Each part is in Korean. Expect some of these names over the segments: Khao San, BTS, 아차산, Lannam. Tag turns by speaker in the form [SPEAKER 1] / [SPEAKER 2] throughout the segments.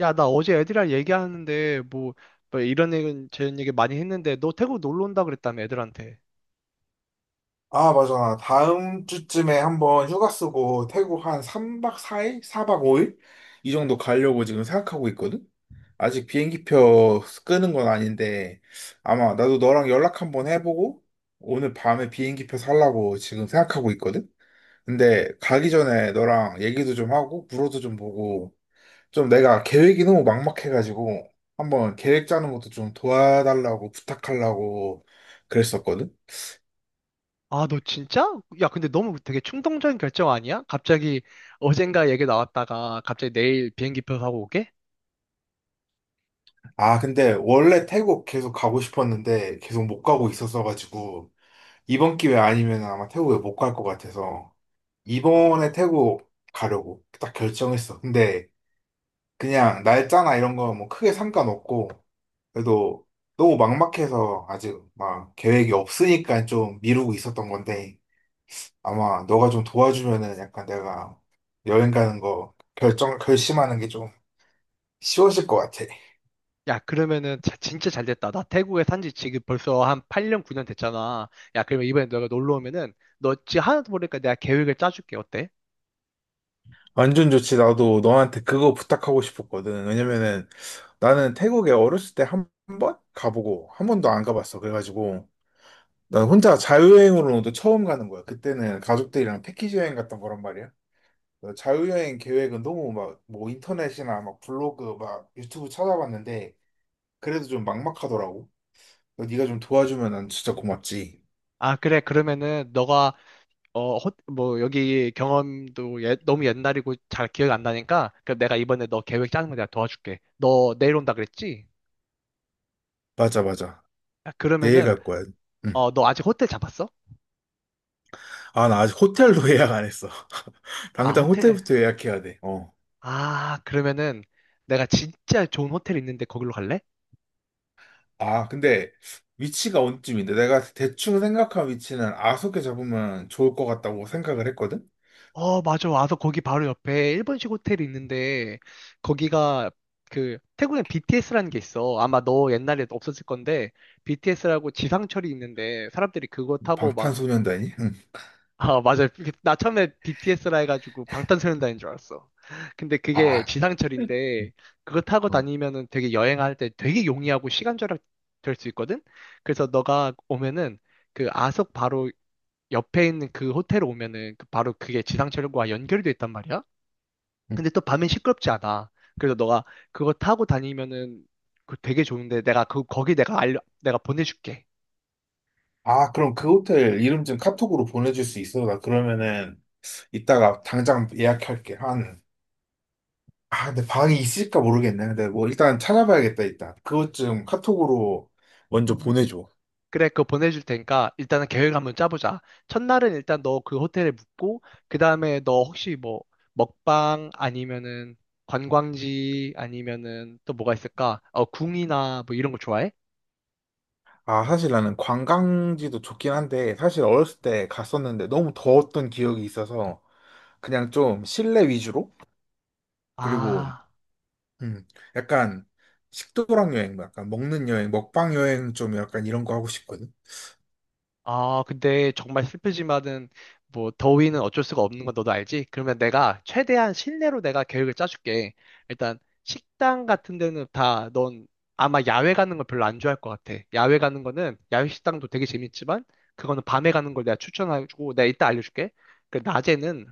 [SPEAKER 1] 야, 나 어제 애들이랑 얘기하는데, 뭐 이런 얘기, 저런 얘기 많이 했는데, 너 태국 놀러 온다 그랬다며, 애들한테.
[SPEAKER 2] 아, 맞아. 다음 주쯤에 한번 휴가 쓰고 태국 한 3박 4일? 4박 5일? 이 정도 가려고 지금 생각하고 있거든? 아직 비행기표 끄는 건 아닌데, 아마 나도 너랑 연락 한번 해보고, 오늘 밤에 비행기표 살라고 지금 생각하고 있거든? 근데 가기 전에 너랑 얘기도 좀 하고, 물어도 좀 보고, 좀 내가 계획이 너무 막막해가지고, 한번 계획 짜는 것도 좀 도와달라고 부탁하려고 그랬었거든?
[SPEAKER 1] 아, 너 진짜? 야, 근데 너무 되게 충동적인 결정 아니야? 갑자기 어젠가 얘기 나왔다가, 갑자기 내일 비행기표 사고 오게?
[SPEAKER 2] 아, 근데 원래 태국 계속 가고 싶었는데 계속 못 가고 있었어가지고 이번 기회 아니면 아마 태국에 못 갈 것 같아서 이번에
[SPEAKER 1] 아.
[SPEAKER 2] 태국 가려고 딱 결정했어. 근데 그냥 날짜나 이런 거 뭐 크게 상관없고 그래도 너무 막막해서 아직 막 계획이 없으니까 좀 미루고 있었던 건데 아마 너가 좀 도와주면은 약간 내가 여행 가는 거 결심하는 게 좀 쉬워질 것 같아.
[SPEAKER 1] 야, 그러면은 진짜 잘 됐다. 나 태국에 산지 지금 벌써 한 8년, 9년 됐잖아. 야, 그러면 이번에 너가 놀러 오면은 너 지금 하나도 모르니까 내가 계획을 짜줄게. 어때?
[SPEAKER 2] 완전 좋지. 나도 너한테 그거 부탁하고 싶었거든. 왜냐면은 나는 태국에 어렸을 때 한 번 가보고 한 번도 안 가봤어. 그래가지고 난 혼자 자유여행으로도 처음 가는 거야. 그때는 가족들이랑 패키지 여행 갔던 거란 말이야. 그래서 자유여행 계획은 너무 막 뭐 인터넷이나 막 블로그 막 유튜브 찾아봤는데 그래도 좀 막막하더라고. 그래서 네가 좀 도와주면 난 진짜 고맙지.
[SPEAKER 1] 아, 그래. 그러면은 너가 여기 경험도 너무 옛날이고 잘 기억이 안 나니까, 그럼 내가 이번에 너 계획 짜는 거 내가 도와줄게. 너 내일 온다 그랬지?
[SPEAKER 2] 맞아, 맞아.
[SPEAKER 1] 아,
[SPEAKER 2] 내일
[SPEAKER 1] 그러면은,
[SPEAKER 2] 갈 거야. 응.
[SPEAKER 1] 어, 너 아직 호텔 잡았어?
[SPEAKER 2] 아, 나 아직 호텔도 예약 안 했어.
[SPEAKER 1] 아,
[SPEAKER 2] 당장
[SPEAKER 1] 호텔.
[SPEAKER 2] 호텔부터 예약해야 돼. 어.
[SPEAKER 1] 아, 그러면은 내가 진짜 좋은 호텔 있는데 거기로 갈래?
[SPEAKER 2] 아, 근데 위치가 어디쯤인데 내가 대충 생각한 위치는 아속에 잡으면 좋을 것 같다고 생각을 했거든?
[SPEAKER 1] 어, 맞아. 와서 거기 바로 옆에 일본식 호텔이 있는데, 거기가 그, 태국엔 BTS라는 게 있어. 아마 너 옛날에 없었을 건데, BTS라고 지상철이 있는데, 사람들이 그거 타고 막
[SPEAKER 2] 방탄소년단이? 응.
[SPEAKER 1] 아, 맞아요. 그- 나 처음에 BTS라 해가지고 방탄소년단인 줄 알았어. 근데 그게
[SPEAKER 2] 아,
[SPEAKER 1] 지상철인데, 그거 타고
[SPEAKER 2] 어,
[SPEAKER 1] 다니면은 되게 여행할 때 되게 용이하고 시간 절약 될 수 있거든? 그래서 너가 오면은 그 아속 바로 옆에 있는 그 호텔 오면은 그 바로 그게 지상철과 연결이 돼 있단 말이야?
[SPEAKER 2] 응.
[SPEAKER 1] 근데 또 밤엔 시끄럽지 않아. 그래서 너가 그거 타고 다니면은 그 되게 좋은데 내가 그, 거기 내가 보내줄게.
[SPEAKER 2] 아, 그럼 그 호텔 이름 좀 카톡으로 보내줄 수 있어? 나 그러면은 이따가 당장 예약할게. 한, 아, 근데 방이 있을까 모르겠네. 근데 뭐 일단 찾아봐야겠다, 일단. 그것 좀 카톡으로 먼저 보내줘.
[SPEAKER 1] 그래, 그거 보내줄 테니까 일단은 계획 한번 짜보자. 첫날은 일단 너 그 호텔에 묵고, 그 다음에 너 혹시 뭐 먹방 아니면은 관광지 아니면은 또 뭐가 있을까? 어, 궁이나 뭐 이런 거 좋아해?
[SPEAKER 2] 아, 사실 나는 관광지도 좋긴 한데, 사실 어렸을 때 갔었는데 너무 더웠던 기억이 있어서 그냥 좀 실내 위주로 그리고
[SPEAKER 1] 아.
[SPEAKER 2] 음 약간 식도락 여행, 뭐 약간 먹는 여행, 먹방 여행 좀 약간 이런 거 하고 싶거든.
[SPEAKER 1] 아, 근데 정말 슬프지만은 뭐 더위는 어쩔 수가 없는 건 너도 알지? 그러면 내가 최대한 실내로 내가 계획을 짜줄게. 일단 식당 같은 데는 다 넌 아마 야외 가는 걸 별로 안 좋아할 것 같아. 야외 가는 거는 야외 식당도 되게 재밌지만 그거는 밤에 가는 걸 내가 추천하고 내가 이따 알려줄게. 그 낮에는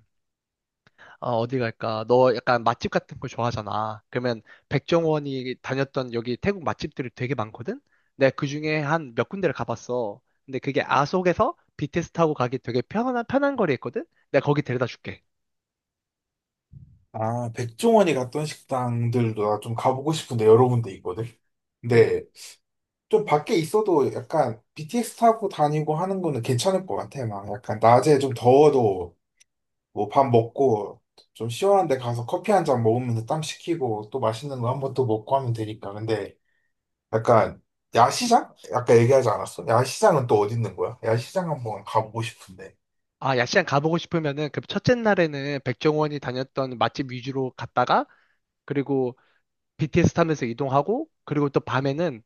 [SPEAKER 1] 아, 어디 갈까? 너 약간 맛집 같은 거 좋아하잖아. 그러면 백종원이 다녔던 여기 태국 맛집들이 되게 많거든? 내가 그중에 한 몇 군데를 가봤어. 근데 그게 아속에서 BTS 타고 가기 되게 편한 거리 있거든? 내가 거기 데려다 줄게.
[SPEAKER 2] 아, 백종원이 갔던 식당들도 나 좀 가보고 싶은데 여러 군데 있거든.
[SPEAKER 1] 음.
[SPEAKER 2] 근데 좀 밖에 있어도 약간 BTS 타고 다니고 하는 거는 괜찮을 것 같아. 막 약간 낮에 좀 더워도 뭐 밥 먹고 좀 시원한 데 가서 커피 한 잔 먹으면서 땀 식히고 또 맛있는 거 한번 또 먹고 하면 되니까. 근데 약간 야시장? 아까 얘기하지 않았어? 야시장은 또 어디 있는 거야? 야시장 한번 가보고 싶은데.
[SPEAKER 1] 아, 야시장 가보고 싶으면은 그 첫째 날에는 백종원이 다녔던 맛집 위주로 갔다가 그리고 BTS 타면서 이동하고 그리고 또 밤에는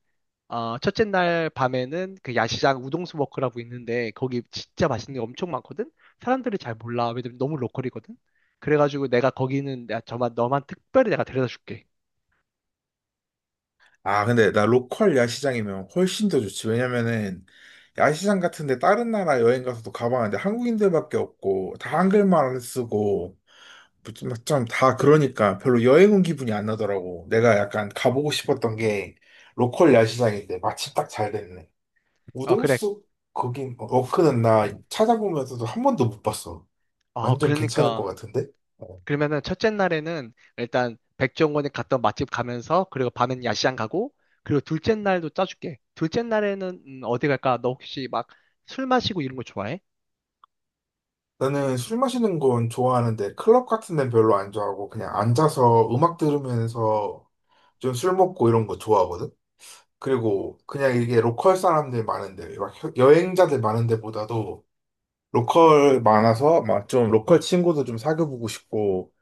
[SPEAKER 1] 어, 첫째 날 밤에는 그 야시장 우동수 워크라고 있는데 거기 진짜 맛있는 게 엄청 많거든? 사람들이 잘 몰라. 왜냐면 너무 로컬이거든? 그래가지고 내가 거기는 너만 특별히 내가 데려다 줄게.
[SPEAKER 2] 아, 근데 나 로컬 야시장이면 훨씬 더 좋지. 왜냐면은 야시장 같은데 다른 나라 여행 가서도 가봤는데 한국인들밖에 없고 다 한글만 쓰고 좀 다 그러니까 별로 여행 온 기분이 안 나더라고. 내가 약간 가보고 싶었던 게 로컬 야시장인데 마침 딱 잘 됐네.
[SPEAKER 1] 어, 그래.
[SPEAKER 2] 우동숙 거긴 어, 워크는 나 찾아보면서도 한 번도 못 봤어.
[SPEAKER 1] 어,
[SPEAKER 2] 완전 괜찮을 것
[SPEAKER 1] 그러니까.
[SPEAKER 2] 같은데? 어.
[SPEAKER 1] 그러면은 첫째 날에는 일단 백종원이 갔던 맛집 가면서 그리고 밤엔 야시장 가고 그리고 둘째 날도 짜줄게. 둘째 날에는 어디 갈까? 너 혹시 막 술 마시고 이런 거 좋아해?
[SPEAKER 2] 나는 술 마시는 건 좋아하는데 클럽 같은 데는 별로 안 좋아하고 그냥 앉아서 음악 들으면서 좀 술 먹고 이런 거 좋아하거든? 그리고 그냥 이게 로컬 사람들 많은데 막 여행자들 많은 데보다도 로컬 많아서 막 좀 로컬 친구도 좀 사귀어보고 싶고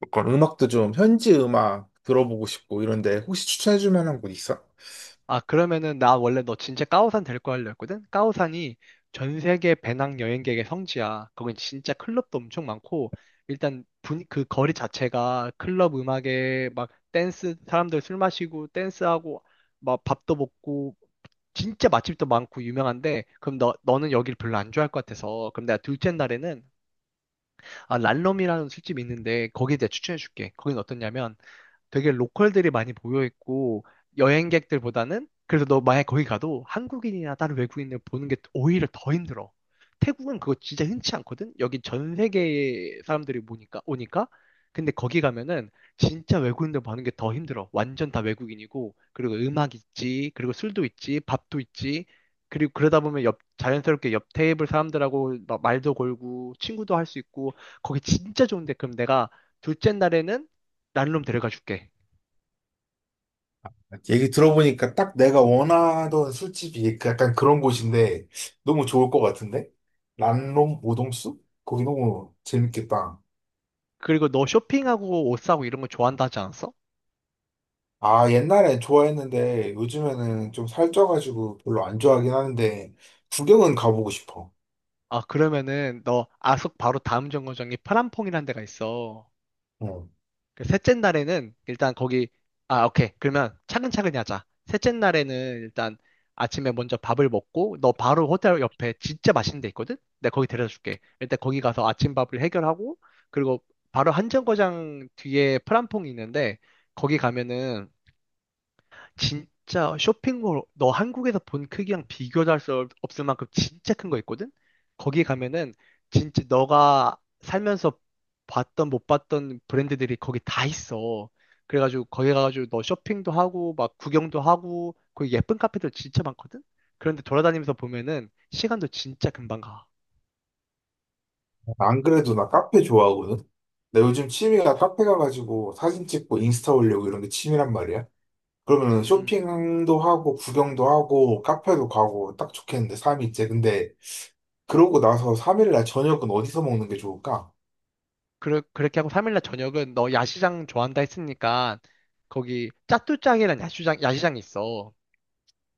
[SPEAKER 2] 로컬 음악도 좀 현지 음악 들어보고 싶고 이런데 혹시 추천해줄 만한 곳 있어?
[SPEAKER 1] 아, 그러면은 나 원래 너 진짜 까오산 데리고 하려 했거든? 까오산이 전 세계 배낭 여행객의 성지야. 거긴 진짜 클럽도 엄청 많고, 일단 그 거리 자체가 클럽 음악에 막 댄스, 사람들 술 마시고 댄스하고 막 밥도 먹고, 진짜 맛집도 많고 유명한데, 그럼 너는 여기를 별로 안 좋아할 것 같아서, 그럼 내가 둘째 날에는, 아, 란롬이라는 술집이 있는데, 거기에 대해 추천해줄게. 거긴 어떠냐면, 되게 로컬들이 많이 모여 있고 여행객들보다는 그래서 너 만약 거기 가도 한국인이나 다른 외국인을 보는 게 오히려 더 힘들어. 태국은 그거 진짜 흔치 않거든. 여기 전 세계 사람들이 보니까 오니까 근데 거기 가면은 진짜 외국인들 보는 게 더 힘들어. 완전 다 외국인이고 그리고 음악 있지, 그리고 술도 있지, 밥도 있지. 그리고 그러다 보면 옆 자연스럽게 옆 테이블 사람들하고 막 말도 걸고 친구도 할 수 있고 거기 진짜 좋은데 그럼 내가 둘째 날에는 난룸 데려가 줄게.
[SPEAKER 2] 얘기 들어보니까 딱 내가 원하던 술집이 그 약간 그런 곳인데 너무 좋을 것 같은데? 란롬 오동수? 거기 너무 재밌겠다.
[SPEAKER 1] 그리고 너 쇼핑하고 옷 사고 이런 거 좋아한다 하지 않았어?
[SPEAKER 2] 아, 옛날에 좋아했는데 요즘에는 좀 살쪄가지고 별로 안 좋아하긴 하는데 구경은 가보고 싶어.
[SPEAKER 1] 아, 그러면은 너 아속 바로 다음 정거장이 파란퐁이라는 데가 있어.
[SPEAKER 2] 어.
[SPEAKER 1] 그 셋째 날에는 일단 거기, 아, 오케이. 그러면 차근차근히 하자. 셋째 날에는 일단 아침에 먼저 밥을 먹고 너 바로 호텔 옆에 진짜 맛있는 데 있거든? 내가 거기 데려다 줄게. 일단 거기 가서 아침밥을 해결하고 그리고 바로 한 정거장 뒤에 파란퐁이 있는데 거기 가면은 진짜 쇼핑몰 너 한국에서 본 크기랑 비교도 할 수 없을 만큼 진짜 큰 거 있거든? 거기 가면은 진짜 너가 살면서 봤던 못 봤던 브랜드들이 거기 다 있어. 그래가지고 거기 가가지고 너 쇼핑도 하고 막 구경도 하고 거기 예쁜 카페들 진짜 많거든? 그런데 돌아다니면서 보면은 시간도 진짜 금방 가.
[SPEAKER 2] 안 그래도 나 카페 좋아하거든? 나 요즘 취미가 카페 가가지고 사진 찍고 인스타 올리고 이런 게 취미란 말이야. 그러면
[SPEAKER 1] 음.
[SPEAKER 2] 쇼핑도 하고 구경도 하고 카페도 가고 딱 좋겠는데 삶이 있지. 근데 그러고 나서 3일 날 저녁은 어디서 먹는 게 좋을까?
[SPEAKER 1] 그렇게 하고 3일날 저녁은 너 야시장 좋아한다 했으니까 거기 짜뚜짱이란 야시장이 있어.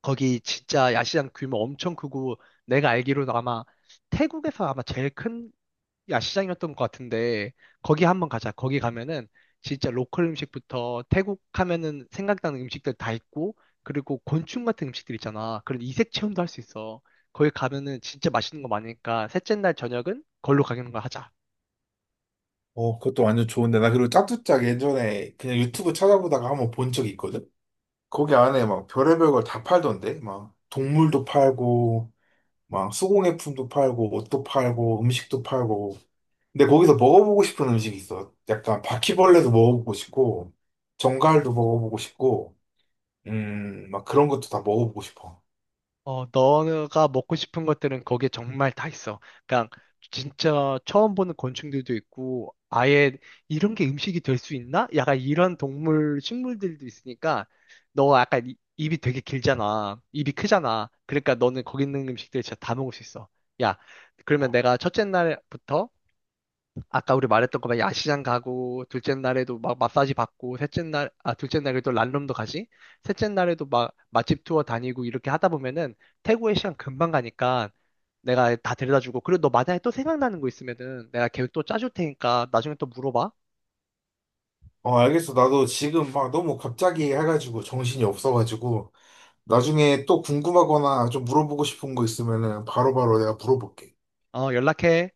[SPEAKER 1] 거기 진짜 야시장 규모 엄청 크고 내가 알기로도 아마 태국에서 아마 제일 큰 야시장이었던 것 같은데 거기 한번 가자. 거기 가면은 진짜 로컬 음식부터 태국 하면은 생각나는 음식들 다 있고 그리고 곤충 같은 음식들 있잖아. 그런 이색 체험도 할 수 있어. 거기 가면은 진짜 맛있는 거 많으니까 셋째 날 저녁은 걸로 가는 거 하자.
[SPEAKER 2] 어, 그것도 완전 좋은데. 나 그리고 짜투짝 예전에 그냥 유튜브 찾아보다가 한번 본 적이 있거든? 거기 안에 막 별의별 걸 다 팔던데? 막 동물도 팔고, 막 수공예품도 팔고, 옷도 팔고, 음식도 팔고. 근데 거기서 먹어보고 싶은 음식이 있어. 약간 바퀴벌레도 먹어보고 싶고, 정갈도 먹어보고 싶고, 막 그런 것도 다 먹어보고 싶어.
[SPEAKER 1] 어, 너가 먹고 싶은 것들은 거기에 정말 다 있어. 그냥 진짜 처음 보는 곤충들도 있고, 아예 이런 게 음식이 될 수 있나? 약간 이런 동물, 식물들도 있으니까, 너가 약간 입이 되게 길잖아. 입이 크잖아. 그러니까 너는 거기 있는 음식들 진짜 다 먹을 수 있어. 야, 그러면 내가 첫째 날부터 아까 우리 말했던 거막 야시장 가고, 둘째 날에도 막 마사지 받고, 둘째 날에도 란룸도 가지? 셋째 날에도 막 맛집 투어 다니고 이렇게 하다 보면은 태국의 시간 금방 가니까 내가 다 데려다 주고, 그리고 너 만약에 또 생각나는 거 있으면은 내가 계획 또 짜줄 테니까 나중에 또 물어봐.
[SPEAKER 2] 어, 알겠어. 나도 지금 막 너무 갑자기 해가지고 정신이 없어가지고. 나중에 또 궁금하거나 좀 물어보고 싶은 거 있으면은 바로바로 내가 물어볼게.
[SPEAKER 1] 어, 연락해.